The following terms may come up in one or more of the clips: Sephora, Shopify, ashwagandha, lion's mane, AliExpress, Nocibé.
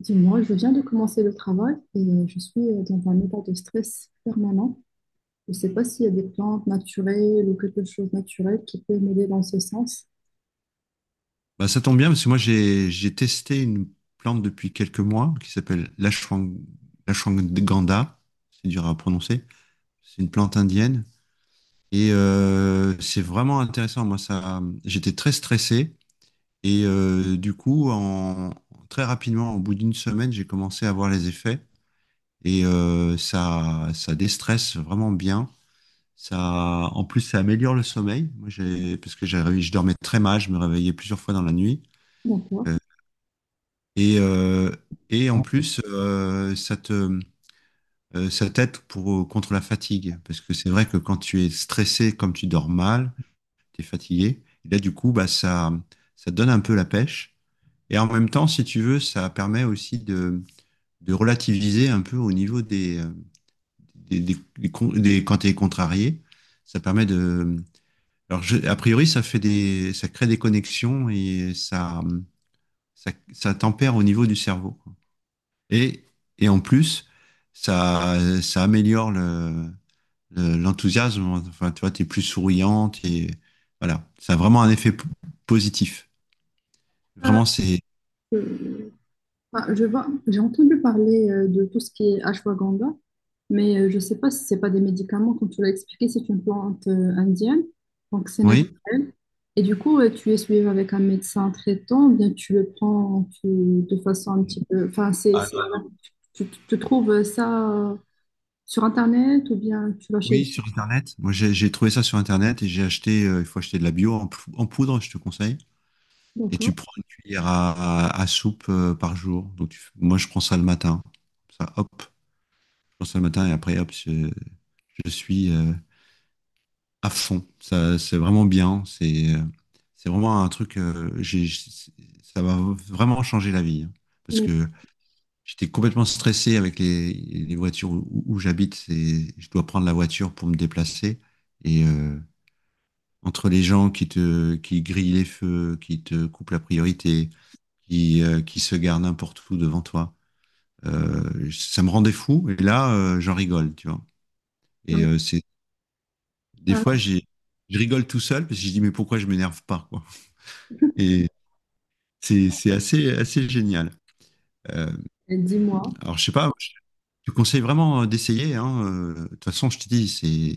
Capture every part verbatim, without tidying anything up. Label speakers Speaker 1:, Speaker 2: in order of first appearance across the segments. Speaker 1: Dis-moi, je viens de commencer le travail et euh, je suis euh, dans un état de stress permanent. Je ne sais pas s'il y a des plantes naturelles ou quelque chose de naturel qui peut m'aider dans ce sens.
Speaker 2: Bah, ça tombe bien parce que moi j'ai j'ai testé une plante depuis quelques mois qui s'appelle l'ashwang- l'ashwagandha, c'est dur à prononcer. C'est une plante indienne et euh, c'est vraiment intéressant. Moi ça, j'étais très stressé et euh, du coup en très rapidement, au bout d'une semaine, j'ai commencé à voir les effets et euh, ça ça déstresse vraiment bien. Ça, en plus, ça améliore le sommeil. Moi, j'ai, parce que j'avais- je dormais très mal, je me réveillais plusieurs fois dans la nuit.
Speaker 1: Donc, quoi.
Speaker 2: Euh, Et, euh, et en plus, euh, ça te, euh, ça t'aide pour, contre la fatigue. Parce que c'est vrai que quand tu es stressé, comme tu dors mal, tu es fatigué. Et là, du coup, bah, ça, ça te donne un peu la pêche. Et en même temps, si tu veux, ça permet aussi de, de relativiser un peu au niveau des, euh, des, des- des con- des- quand tu es contrarié. Ça permet de. Alors, je- a priori, ça fait des, ça crée des connexions et ça, ça, ça tempère au niveau du cerveau. Et, et en plus, ça, ça améliore le, le- l'enthousiasme. Enfin, tu vois, t'es plus souriante et voilà. Ça a vraiment un effet p- positif.
Speaker 1: Ah,
Speaker 2: Vraiment, c'est.
Speaker 1: euh, ah, je vois, j'ai entendu parler euh, de tout ce qui est ashwagandha, mais euh, je ne sais pas si ce n'est pas des médicaments, comme tu l'as expliqué, c'est une plante euh, indienne, donc c'est
Speaker 2: Oui?
Speaker 1: naturel. Et du coup, euh, tu es suivi avec un médecin traitant, ou bien tu le prends tu- de façon un petit peu. Enfin, c'est,
Speaker 2: Ah
Speaker 1: c'est-
Speaker 2: non.
Speaker 1: tu, tu trouves ça. Sur Internet ou bien tu vas chez...
Speaker 2: Oui, sur Internet. Moi, j'ai j'ai trouvé ça sur Internet et j'ai acheté. Euh, il faut acheter de la bio en, pou- en poudre, je te conseille. Et tu
Speaker 1: D'accord.
Speaker 2: prends une cuillère à, à- à soupe euh, par jour. Donc, tu- fais- moi, je prends ça le matin. Ça, hop, je prends ça le matin et après, hop, je, je suis. Euh, à fond. Ça, c'est vraiment bien. C'est, euh, c'est vraiment un truc. Euh, j'ai- j'ai- ça va vraiment changer la vie, hein. Parce
Speaker 1: Mais
Speaker 2: que j'étais complètement stressé avec les, les voitures où, où j'habite. C'est, je dois prendre la voiture pour me déplacer. Et euh, entre les gens qui te, qui grillent les feux, qui te coupent la priorité, qui, euh, qui se gardent n'importe où devant toi, euh, ça me rendait fou. Et là, euh, j'en rigole, tu vois. Et
Speaker 1: mais,
Speaker 2: euh, c'est des fois,
Speaker 1: ah,
Speaker 2: j'ai, je rigole tout seul parce que je dis mais pourquoi je m'énerve pas, quoi. Et c'est c'est assez, assez génial. Euh,
Speaker 1: dis-moi,
Speaker 2: alors, je sais pas, je te conseille vraiment euh, d'essayer, hein. euh, De toute façon, je te dis, c'est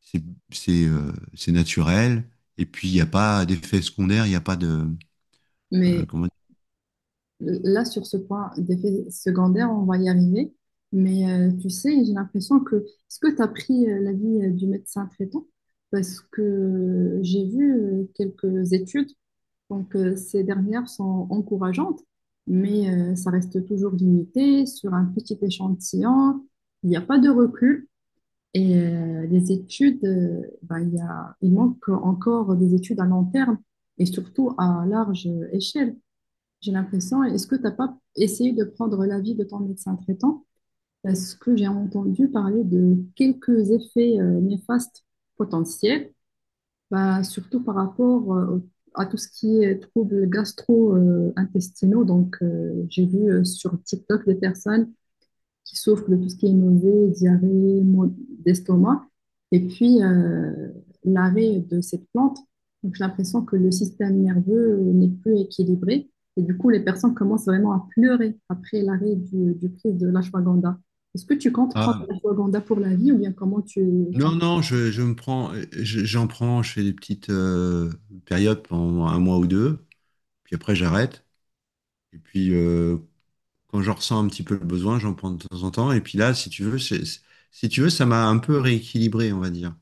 Speaker 2: c'est c'est euh, c'est naturel. Et puis, il n'y a pas d'effet secondaire, il n'y a pas de... euh,
Speaker 1: mais
Speaker 2: Comment dire.
Speaker 1: là, sur ce point d'effet secondaire, on va y arriver. Mais euh, tu sais, j'ai l'impression que... Est-ce que tu as pris euh, l'avis euh, du médecin traitant? Parce que j'ai vu euh, quelques études, donc euh, ces dernières sont encourageantes, mais euh, ça reste toujours limité sur un petit échantillon. Il n'y a pas de recul. Et euh, les études, euh, ben, il y a, il manque encore des études à long terme et surtout à large échelle. J'ai l'impression, est-ce que tu n'as pas essayé de prendre l'avis de ton médecin traitant? Parce que j'ai entendu parler de quelques effets euh, néfastes potentiels, bah, surtout par rapport euh, au- à tout ce qui est troubles gastro-intestinaux. Donc, euh, j'ai vu euh, sur TikTok des personnes qui souffrent de tout ce qui est nausée, diarrhée, maux d'estomac. Et puis, euh, l'arrêt de cette plante, donc j'ai l'impression que le système nerveux n'est plus équilibré. Et du coup, les personnes commencent vraiment à pleurer après l'arrêt du, du prise de l'ashwagandha. Est-ce que tu comptes prendre
Speaker 2: Ah,
Speaker 1: l'ashwagandha pour la vie ou bien comment tu... enfin,
Speaker 2: non, non, je, je me prends, je- j'en prends, je fais des petites euh, périodes pendant un mois ou deux, puis après, j'arrête. Et puis, euh, quand j'en ressens un petit peu le besoin, j'en prends de temps en temps. Et puis là, si tu veux, c'est- c'est- si tu veux, ça m'a un peu rééquilibré, on va dire.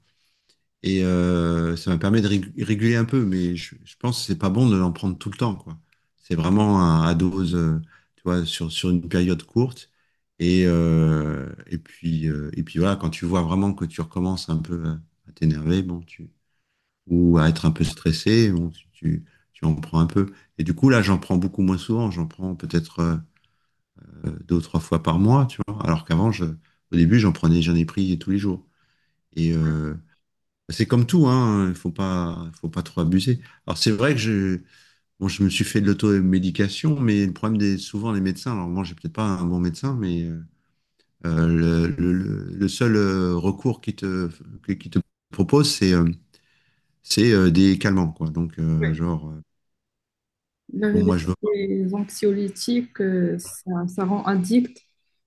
Speaker 2: Et euh, ça me permet de rég- réguler un peu, mais je, je pense que c'est pas bon de l'en prendre tout le temps, quoi. C'est vraiment à, à dose, euh, tu vois, sur, sur une période courte. Et, euh, et puis, euh, et puis voilà, quand tu vois vraiment que tu recommences un peu à, à t'énerver, bon, tu, ou à être un peu stressé, bon, tu, tu, tu en prends un peu. Et du coup, là, j'en prends beaucoup moins souvent. J'en prends peut-être euh, euh, deux ou trois fois par mois, tu vois. Alors qu'avant, je, au début, j'en prenais, j'en ai pris tous les jours. Et, euh, c'est comme tout, hein, il faut pas, faut pas trop abuser. Alors c'est vrai que je, bon, je me suis fait de l'automédication, mais le problème des souvent les médecins, alors moi j'ai peut-être pas un bon médecin, mais euh, le, le- le- le seul euh, recours qui te, qui te propose, c'est euh, c'est euh, des calmants, quoi. Donc euh,
Speaker 1: oui.
Speaker 2: genre, euh, et
Speaker 1: La
Speaker 2: bon
Speaker 1: vérité,
Speaker 2: moi je veux
Speaker 1: les anxiolytiques, euh, ça, ça rend addict.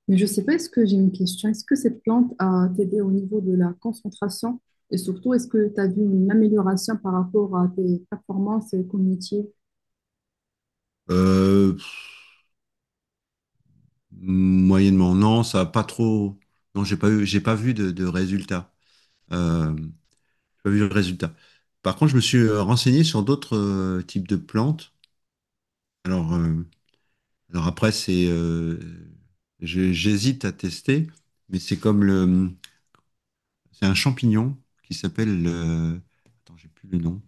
Speaker 1: Mais je sais pas, est-ce que j'ai une question? Est-ce que cette plante a t'aidé au niveau de la concentration? Et surtout, est-ce que tu as vu une amélioration par rapport à tes performances cognitives?
Speaker 2: pas. Euh, pff, moyennement, non, ça a pas trop, non j'ai pas eu, j'ai pas vu de, de résultat, euh, j'ai pas vu de résultat. Par contre, je me suis euh, renseigné sur d'autres euh, types de plantes. Alors, euh, alors après, c'est, euh, je- j'hésite à tester, mais c'est comme le, c'est un champignon qui s'appelle, le- attends, j'ai plus le nom.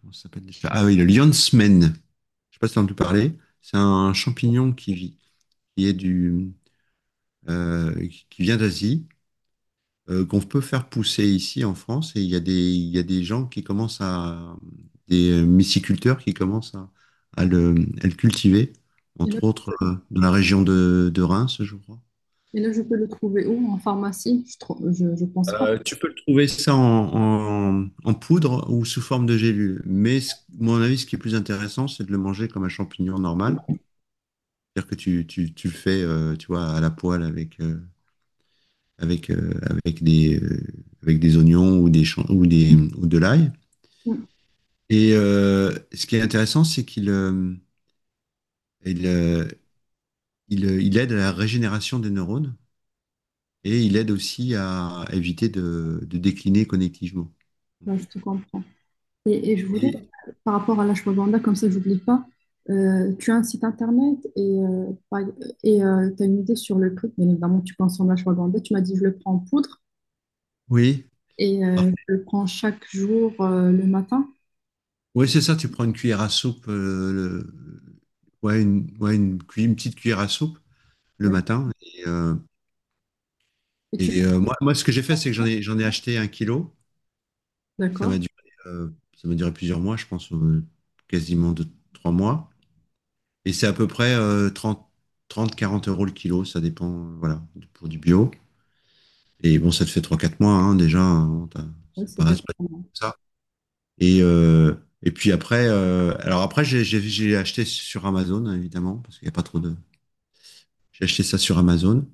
Speaker 2: Comment ça s'appelle déjà? Ah oui, le lion's mane. Je sais pas si t'as entendu parler. C'est un champignon qui vit, qui est du, euh, qui vient d'Asie euh, qu'on peut faire pousser ici en France. Et il y a des, il y a des gens qui commencent à, des euh, myciculteurs qui commencent à, à le, à le cultiver,
Speaker 1: Et là,
Speaker 2: entre autres euh, dans la région de, de Reims, je crois.
Speaker 1: et là, je peux le trouver où? En pharmacie? Je, trou- je, je pense pas.
Speaker 2: Trouver ça en, en- en poudre ou sous forme de gélule. Mais ce- mon avis, ce qui est plus intéressant, c'est de le manger comme un champignon normal. C'est-à-dire que tu, tu, tu le fais, euh, tu vois, à la poêle avec, euh, avec, euh, avec des, euh, avec des oignons ou des, champ- ou des, ou de l'ail.
Speaker 1: Oui,
Speaker 2: Et euh, ce qui est intéressant, c'est qu'il euh, il, euh, il, euh, il aide à la régénération des neurones et il aide aussi à éviter de, de décliner connectivement.
Speaker 1: là, je te comprends. Et, et je voulais,
Speaker 2: Et,
Speaker 1: par rapport à l'ashwagandha, comme ça, j'oublie pas, euh, tu as un site internet et euh, par- et tu as une idée sur le prix. Bien évidemment, tu consommes l'ashwagandha. Tu m'as dit, je le prends en poudre.
Speaker 2: oui.
Speaker 1: Et
Speaker 2: Alors,
Speaker 1: euh, je le prends chaque jour euh, le matin.
Speaker 2: ouais, c'est ça, tu prends une cuillère à soupe, euh, le- ouais, une, ouais, une, cui- une petite cuillère à soupe le
Speaker 1: D'accord.
Speaker 2: matin. Et, euh,
Speaker 1: Et tu...
Speaker 2: et, euh, moi, moi, ce que j'ai fait, c'est que j'en ai, j'en ai acheté un kilo. Ça
Speaker 1: D'accord.
Speaker 2: m'a duré, euh, ça m'a duré plusieurs mois, je pense, euh, quasiment deux, trois mois. Et c'est à peu près euh, trente 30, quarante euros le kilo, ça dépend, euh, voilà, pour du bio. Et bon, ça te fait trois quatre mois, hein, déjà, hein, t'as-
Speaker 1: Oui,
Speaker 2: c'est
Speaker 1: c'est des
Speaker 2: pas, c'est pas
Speaker 1: vitamines.
Speaker 2: ça. Et, euh, et puis après, euh, alors après, j'ai j'ai- j'ai acheté sur Amazon, évidemment, parce qu'il n'y a pas trop de. J'ai acheté ça sur Amazon.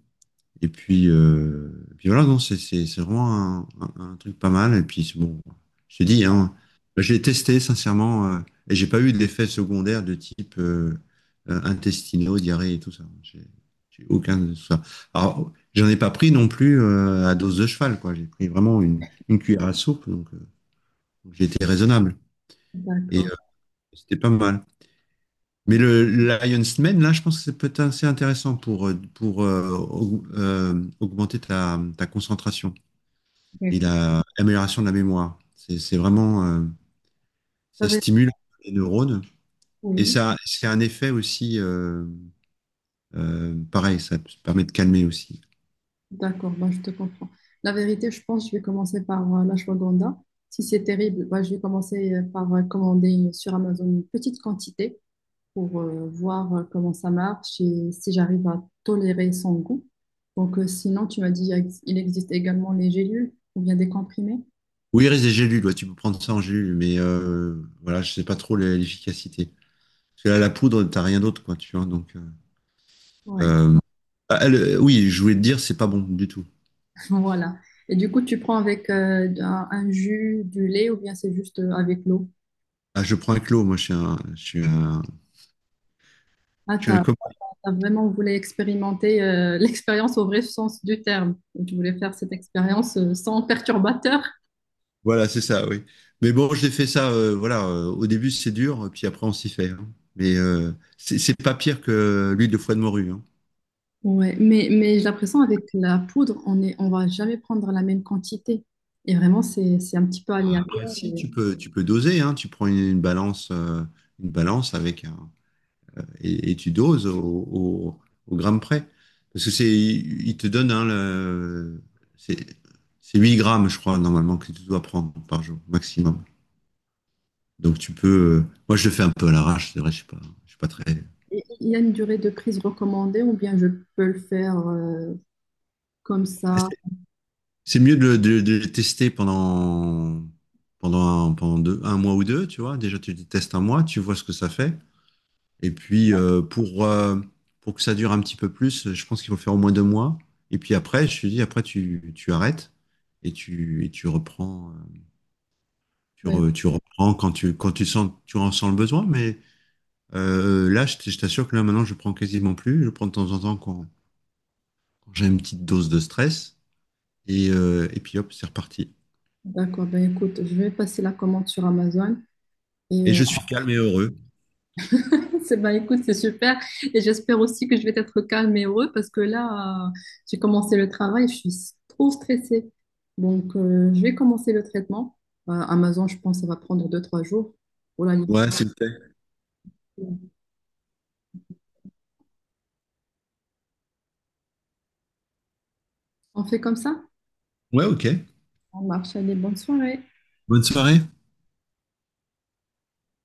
Speaker 2: Et puis, euh, et puis voilà, non, c'est c'est- c'est vraiment un, un- un truc pas mal. Et puis, c'est bon, je te dis, hein, j'ai testé sincèrement euh, et j'ai pas eu d'effets secondaires de type euh, euh, intestinaux, diarrhée et tout ça. J'ai j'ai aucun de ça. Alors, j'en ai pas pris non plus euh, à dose de cheval, quoi. J'ai pris vraiment une, une cuillère à soupe, donc euh, donc j'ai été raisonnable et
Speaker 1: D'accord.
Speaker 2: euh, c'était pas mal. Mais le Lion's Mane, là, je pense que c'est peut-être assez intéressant pour, euh, pour euh, aug- euh, augmenter ta, ta concentration. et
Speaker 1: D'accord.
Speaker 2: la- l'amélioration de la mémoire. C'est c'est vraiment, euh,
Speaker 1: La
Speaker 2: ça
Speaker 1: vérité,
Speaker 2: stimule les neurones et
Speaker 1: oui.
Speaker 2: ça, c'est un effet aussi, euh, euh, pareil, ça te permet de calmer aussi.
Speaker 1: D'accord, bah, je te comprends. La vérité, je pense que je vais commencer par euh, l'ashwagandha. Si c'est terrible, bah, je vais commencer euh, par euh, commander sur Amazon une petite quantité pour euh, voir euh, comment ça marche et si j'arrive à tolérer son goût. Donc, euh, sinon, tu m'as dit il existe également les gélules ou bien des comprimés.
Speaker 2: Oui, il reste des gélules, ouais, tu peux prendre ça en gélule, mais euh, voilà, je sais pas trop l'e- l'efficacité. Parce que là, la poudre, t'as rien d'autre, quoi, tu vois. Donc, euh,
Speaker 1: Ouais.
Speaker 2: euh, ah, le- oui, je voulais te dire, c'est pas bon du tout.
Speaker 1: Voilà. Et du coup, tu prends avec euh, un, un jus, du lait ou bien c'est juste euh, avec l'eau?
Speaker 2: Ah, je prends un clos, moi, je suis un, je suis un,
Speaker 1: Ah,
Speaker 2: je suis
Speaker 1: t'as,
Speaker 2: un copain.
Speaker 1: t'as vraiment voulu expérimenter euh, l'expérience au vrai sens du terme. Tu voulais faire cette expérience euh, sans perturbateur.
Speaker 2: Voilà, c'est ça, oui. Mais bon, j'ai fait ça, euh, voilà, euh, au début c'est dur, puis après on s'y fait, hein. Mais euh, c'est c'est pas pire que l'huile de foie de morue, hein.
Speaker 1: Ouais, mais, mais j'ai l'impression avec la poudre, on est, on va jamais prendre la même quantité. Et vraiment, c'est, c'est un petit peu
Speaker 2: Après,
Speaker 1: aléatoire.
Speaker 2: si,
Speaker 1: Et-
Speaker 2: tu peux, tu peux doser, hein. Tu prends une, une balance, euh, une balance avec un, et, et tu doses au, au- au gramme près. Parce que c'est, il il te donne, hein, le, c'est c'est huit grammes, je crois, normalement, que tu dois prendre par jour, maximum. Donc tu peux, euh, moi je le fais un peu à l'arrache, c'est vrai, je suis pas, je suis pas très.
Speaker 1: et il y a une durée de prise recommandée ou bien je peux le faire euh, comme ça.
Speaker 2: C'est mieux de, le de- de le tester pendant, pendant, un, pendant deux- un mois ou deux, tu vois. Déjà, tu le testes un mois, tu vois ce que ça fait. Et puis, euh, pour, euh, pour que ça dure un petit peu plus, je pense qu'il faut faire au moins deux mois. Et puis après, je te dis, après, tu, tu arrêtes et tu, et tu reprends, euh, tu,
Speaker 1: Ouais,
Speaker 2: re- tu reprends quand tu, quand tu sens, tu en sens le besoin. Mais euh, là, je t- je t'assure que là, maintenant, je prends quasiment plus. Je prends de temps en temps quand, quand j'ai une petite dose de stress. Et, euh, et puis, hop, c'est reparti.
Speaker 1: d'accord, ben écoute, je vais passer la commande sur Amazon. Et
Speaker 2: Et
Speaker 1: euh,
Speaker 2: je suis calme et heureux.
Speaker 1: c'est- bah, écoute, c'est super. Et j'espère aussi que je vais être calme et heureux parce que là, euh, j'ai commencé le travail, je suis s- trop stressée. Donc, euh, je vais commencer le traitement. Euh, Amazon, je pense, ça va prendre deux, trois jours pour la libérer.
Speaker 2: Ouais, c'est le thé.
Speaker 1: On fait comme ça?
Speaker 2: Ouais, ok.
Speaker 1: On marche. Allez, bonne soirée.
Speaker 2: Bonne soirée.